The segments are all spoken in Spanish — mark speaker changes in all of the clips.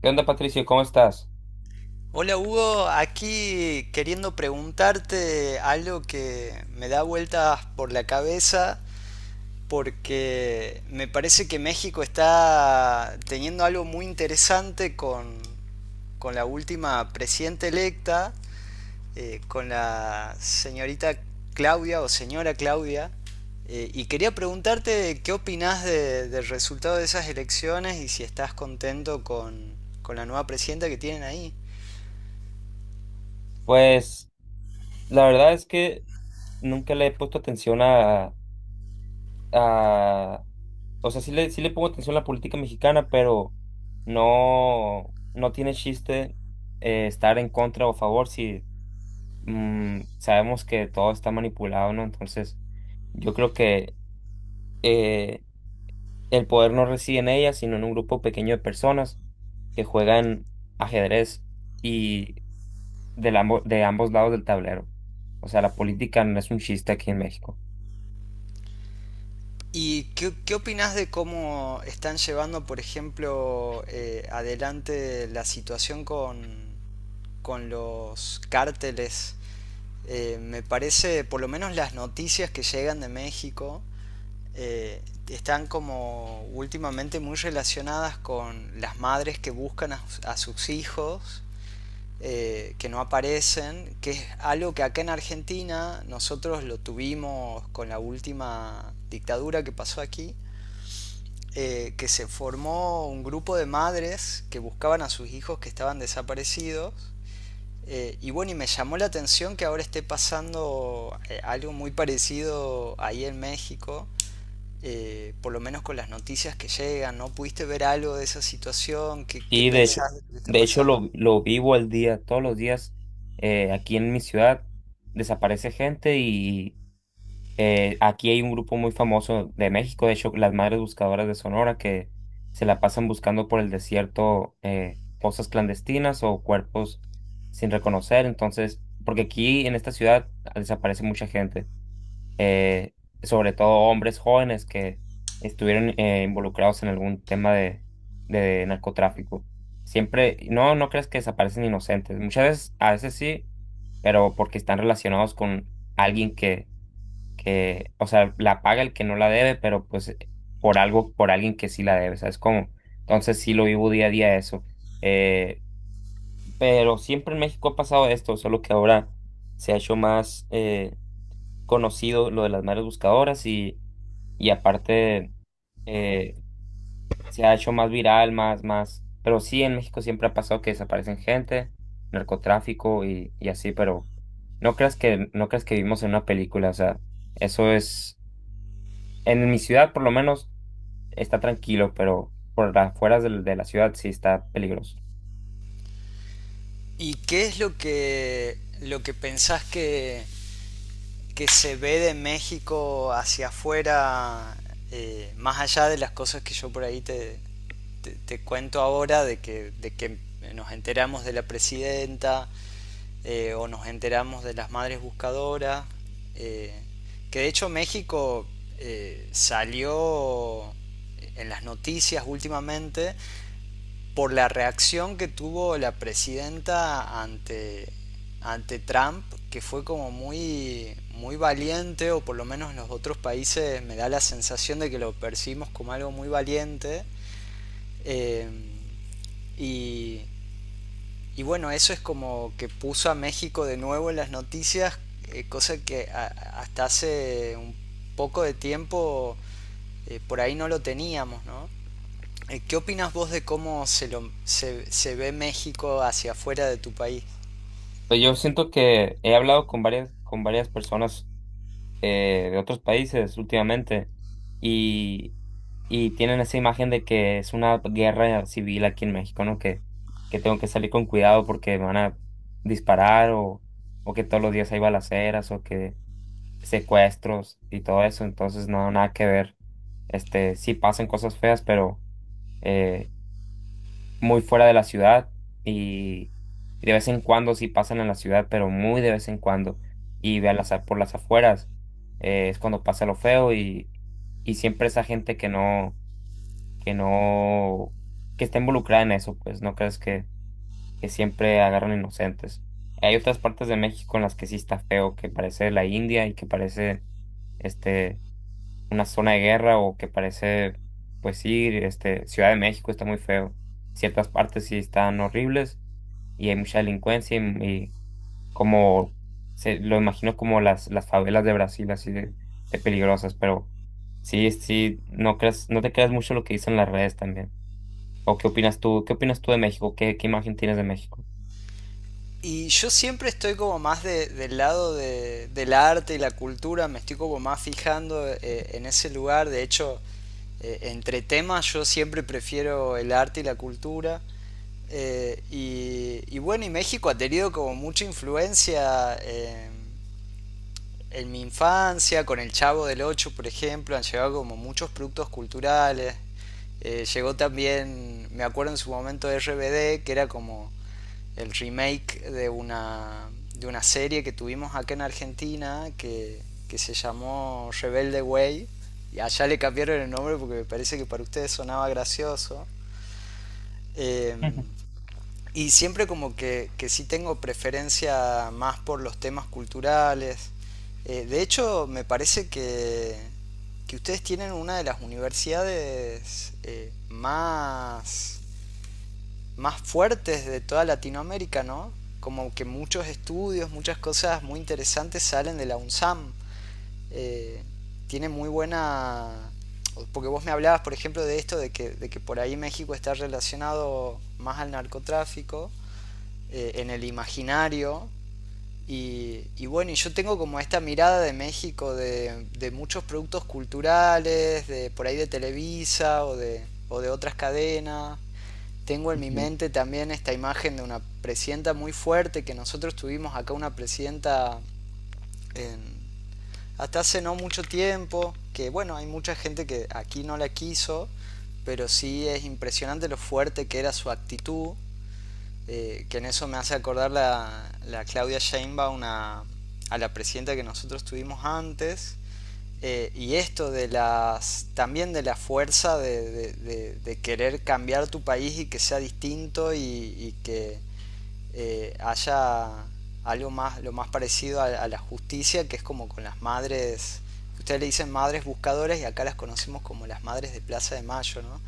Speaker 1: ¿Qué onda, Patricio? ¿Cómo estás?
Speaker 2: Hola Hugo, aquí queriendo preguntarte algo que me da vueltas por la cabeza porque me parece que México está teniendo algo muy interesante con la última presidenta electa, con la señorita Claudia o señora Claudia. Y quería preguntarte qué opinás del resultado de esas elecciones y si estás contento con la nueva presidenta que tienen ahí.
Speaker 1: Pues la verdad es que nunca le he puesto atención a, a- o sea, sí le pongo atención a la política mexicana, pero no tiene chiste, estar en contra o a favor. Si sabemos que todo está manipulado, ¿no? Entonces, yo creo que eh, el poder no reside en ella, sino en un grupo pequeño de personas que juegan ajedrez de ambos lados del tablero. O sea, la política no es un chiste aquí en México.
Speaker 2: ¿Y qué opinás de cómo están llevando, por ejemplo, adelante la situación con los cárteles? Me parece, por lo menos las noticias que llegan de México, eh, están como últimamente muy relacionadas con las madres que buscan a sus hijos, que no aparecen, que es algo que acá en Argentina nosotros lo tuvimos con la última dictadura que pasó aquí, que se formó un grupo de madres que buscaban a sus hijos que estaban desaparecidos. Y bueno, y me llamó la atención que ahora esté pasando algo muy parecido ahí en México, por lo menos con las noticias que llegan, ¿no? ¿Pudiste ver algo de esa situación? ¿Qué, qué
Speaker 1: Y
Speaker 2: pensás de lo que está
Speaker 1: de hecho
Speaker 2: pasando?
Speaker 1: lo vivo al día, todos los días, aquí en mi ciudad desaparece gente. Y aquí hay un grupo muy famoso de México, de hecho, las Madres Buscadoras de Sonora, que se la pasan buscando por el desierto fosas clandestinas o cuerpos sin reconocer. Entonces, porque aquí en esta ciudad desaparece mucha gente. eh, Sobre todo hombres jóvenes que estuvieron involucrados en algún tema de narcotráfico. Siempre, no, no crees que desaparecen inocentes. Muchas veces, a veces sí, pero porque están relacionados con alguien que, o sea, la paga el que no la debe, pero pues por algo, por alguien que sí la debe, ¿sabes cómo? Entonces sí lo vivo día a día eso. Eh, pero siempre en México ha pasado esto, solo que ahora se ha hecho más conocido lo de las madres buscadoras. Y y aparte eh, se ha hecho más viral, más, más, pero sí, en México siempre ha pasado que desaparecen gente, narcotráfico y así, pero no creas que, no creas que vivimos en una película. O sea, eso es, en mi ciudad por lo menos está tranquilo, pero por las afueras de la ciudad sí está peligroso.
Speaker 2: ¿Y qué es lo lo que pensás que se ve de México hacia afuera, más allá de las cosas que yo por ahí te cuento ahora, de de que nos enteramos de la presidenta o nos enteramos de las madres buscadoras, eh, que de hecho México salió en las noticias últimamente por la reacción que tuvo la presidenta ante Trump, que fue como muy, muy valiente, o por lo menos en los otros países me da la sensación de que lo percibimos como algo muy valiente. Eh, y, y, bueno, eso es como que puso a México de nuevo en las noticias, cosa que hasta hace un poco de tiempo por ahí no lo teníamos, ¿no? ¿Qué opinas vos de cómo se ve México hacia afuera de tu país?
Speaker 1: Pero yo siento que he hablado con varias personas de otros países últimamente y, y tienen esa imagen de que es una guerra civil aquí en México, ¿no? Que tengo que salir con cuidado porque me van a disparar, o que todos los días hay balaceras o que secuestros y todo eso. Entonces no, nada que ver. Este, sí pasan cosas feas, pero eh, muy fuera de la ciudad. Y de vez en cuando sí pasan en la ciudad, pero muy de vez en cuando. Y vean las, por las afueras es cuando pasa lo feo. Y, y siempre esa gente que no, que no, que está involucrada en eso, pues no crees que siempre agarran inocentes. Hay otras partes de México en las que sí está feo, que parece la India y que parece este, una zona de guerra, o que parece, pues sí, este, Ciudad de México está muy feo, ciertas partes sí están horribles y hay mucha delincuencia. Y, y como se lo imagino como las favelas de Brasil, así de peligrosas. Pero sí, sí, no creas, no te creas mucho lo que dicen las redes también. ¿O qué opinas tú? ¿Qué opinas tú de México? ¿Qué, qué imagen tienes de México?
Speaker 2: Y yo siempre estoy como más del lado del arte y la cultura, me estoy como más fijando en ese lugar. De hecho, entre temas yo siempre prefiero el arte y la cultura. Y bueno, y México ha tenido como mucha influencia en mi infancia, con el Chavo del ocho, por ejemplo, han llegado como muchos productos culturales. Llegó también, me acuerdo en su momento de RBD, que era como el remake de una serie que tuvimos acá en Argentina que se llamó Rebelde Way. Y allá le cambiaron el nombre porque me parece que para ustedes sonaba gracioso. Eh,
Speaker 1: Ujú.
Speaker 2: y siempre como que sí tengo preferencia más por los temas culturales. De hecho, me parece que ustedes tienen una de las universidades más fuertes de toda Latinoamérica, ¿no? Como que muchos estudios, muchas cosas muy interesantes salen de la UNSAM. Eh, tiene muy buena... Porque vos me hablabas, por ejemplo, de esto, de de que por ahí México está relacionado más al narcotráfico en el imaginario. Y bueno, y yo tengo como esta mirada de México, de muchos productos culturales, de por ahí de Televisa o de otras cadenas. Tengo en mi
Speaker 1: Ujú.
Speaker 2: mente también esta imagen de una presidenta muy fuerte, que nosotros tuvimos acá una presidenta en- hasta hace no mucho tiempo, que bueno, hay mucha gente que aquí no la quiso, pero sí es impresionante lo fuerte que era su actitud que en eso me hace acordar la Claudia Sheinbaum una a la presidenta que nosotros tuvimos antes, y esto de las también de la fuerza de querer cambiar tu país y que sea distinto y que haya algo más lo más parecido a la justicia, que es como con las madres ustedes le dicen madres buscadoras y acá las conocemos como las madres de Plaza de Mayo, ¿no?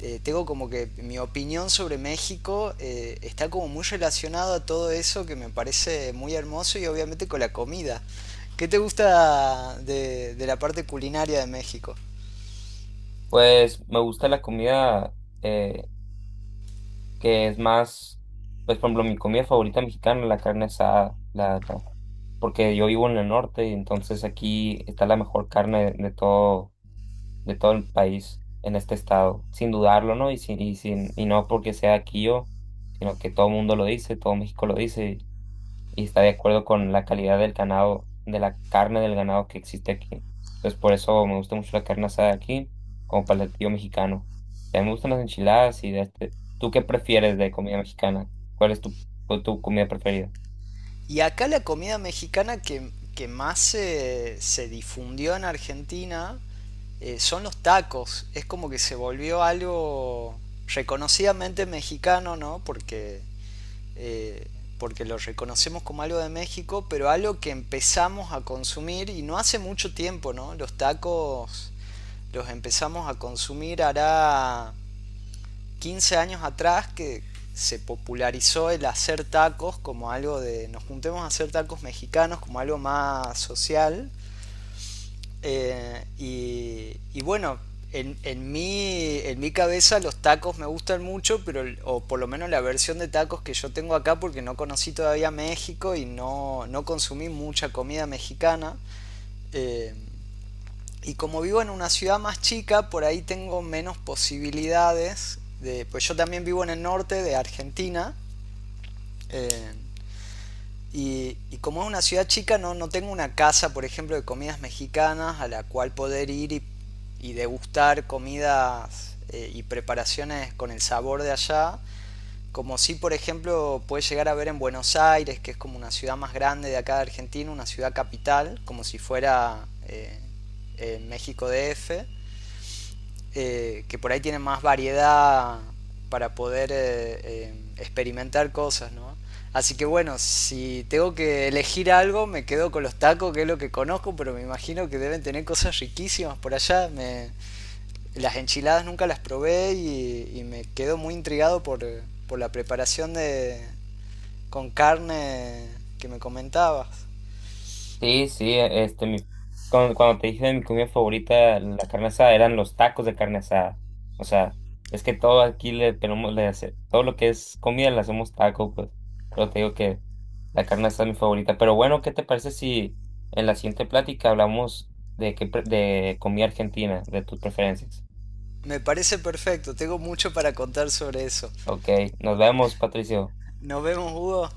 Speaker 2: Tengo como que mi opinión sobre México está como muy relacionado a todo eso que me parece muy hermoso y obviamente con la comida. ¿Qué te gusta de la parte culinaria de México?
Speaker 1: Pues me gusta la comida, eh, que es más, pues por ejemplo, mi comida favorita mexicana, la carne asada, porque yo vivo en el norte y entonces aquí está la mejor carne de todo el país en este estado, sin dudarlo, ¿no? Y, sin, y, sin, y no porque sea aquí yo, sino que todo el mundo lo dice, todo México lo dice y está de acuerdo con la calidad del ganado, de la carne del ganado que existe aquí. Entonces por eso me gusta mucho la carne asada aquí, como platillo mexicano. También me gustan las enchiladas y de este. ¿Tú qué prefieres de comida mexicana? ¿Cuál es tu, tu comida preferida?
Speaker 2: Y acá la comida mexicana que más se difundió en Argentina son los tacos. Es como que se volvió algo reconocidamente mexicano, ¿no? Porque, eh, porque lo reconocemos como algo de México, pero algo que empezamos a consumir y no hace mucho tiempo, ¿no? Los tacos los empezamos a consumir hará 15 años atrás que se popularizó el hacer tacos como algo de nos juntemos a hacer tacos mexicanos como algo más social. Y bueno en mi cabeza los tacos me gustan mucho, pero o por lo menos la versión de tacos que yo tengo acá porque no conocí todavía México y no consumí mucha comida mexicana. Eh, y como vivo en una ciudad más chica, por ahí tengo menos posibilidades. De, pues yo también vivo en el norte de Argentina. eh, y como es una ciudad chica, no tengo una casa, por ejemplo, de comidas mexicanas a la cual poder ir y degustar comidas y preparaciones con el sabor de allá. Como si, por ejemplo, puedes llegar a ver en Buenos Aires, que es como una ciudad más grande de acá de Argentina, una ciudad capital, como si fuera México DF, que por ahí tienen más variedad para poder experimentar cosas, ¿no? Así que bueno, si tengo que elegir algo, me quedo con los tacos, que es lo que conozco, pero me imagino que deben tener cosas riquísimas por allá. Me, las enchiladas nunca las probé y me quedo muy intrigado por la preparación de, con carne que me comentabas.
Speaker 1: Sí, sí, e, este, mi, cuando, cuando te dije de mi comida favorita, la carne asada, eran los tacos de carne asada. O sea, es que todo aquí le tenemos, todo lo que es comida le hacemos taco, pues. Pero te digo que la carne asada es mi favorita. Pero bueno, ¿qué te parece si en la siguiente plática hablamos de comida argentina, de tus preferencias?
Speaker 2: Me parece perfecto, tengo mucho para contar sobre eso.
Speaker 1: Ok, nos vemos, Patricio.
Speaker 2: Nos vemos, Hugo.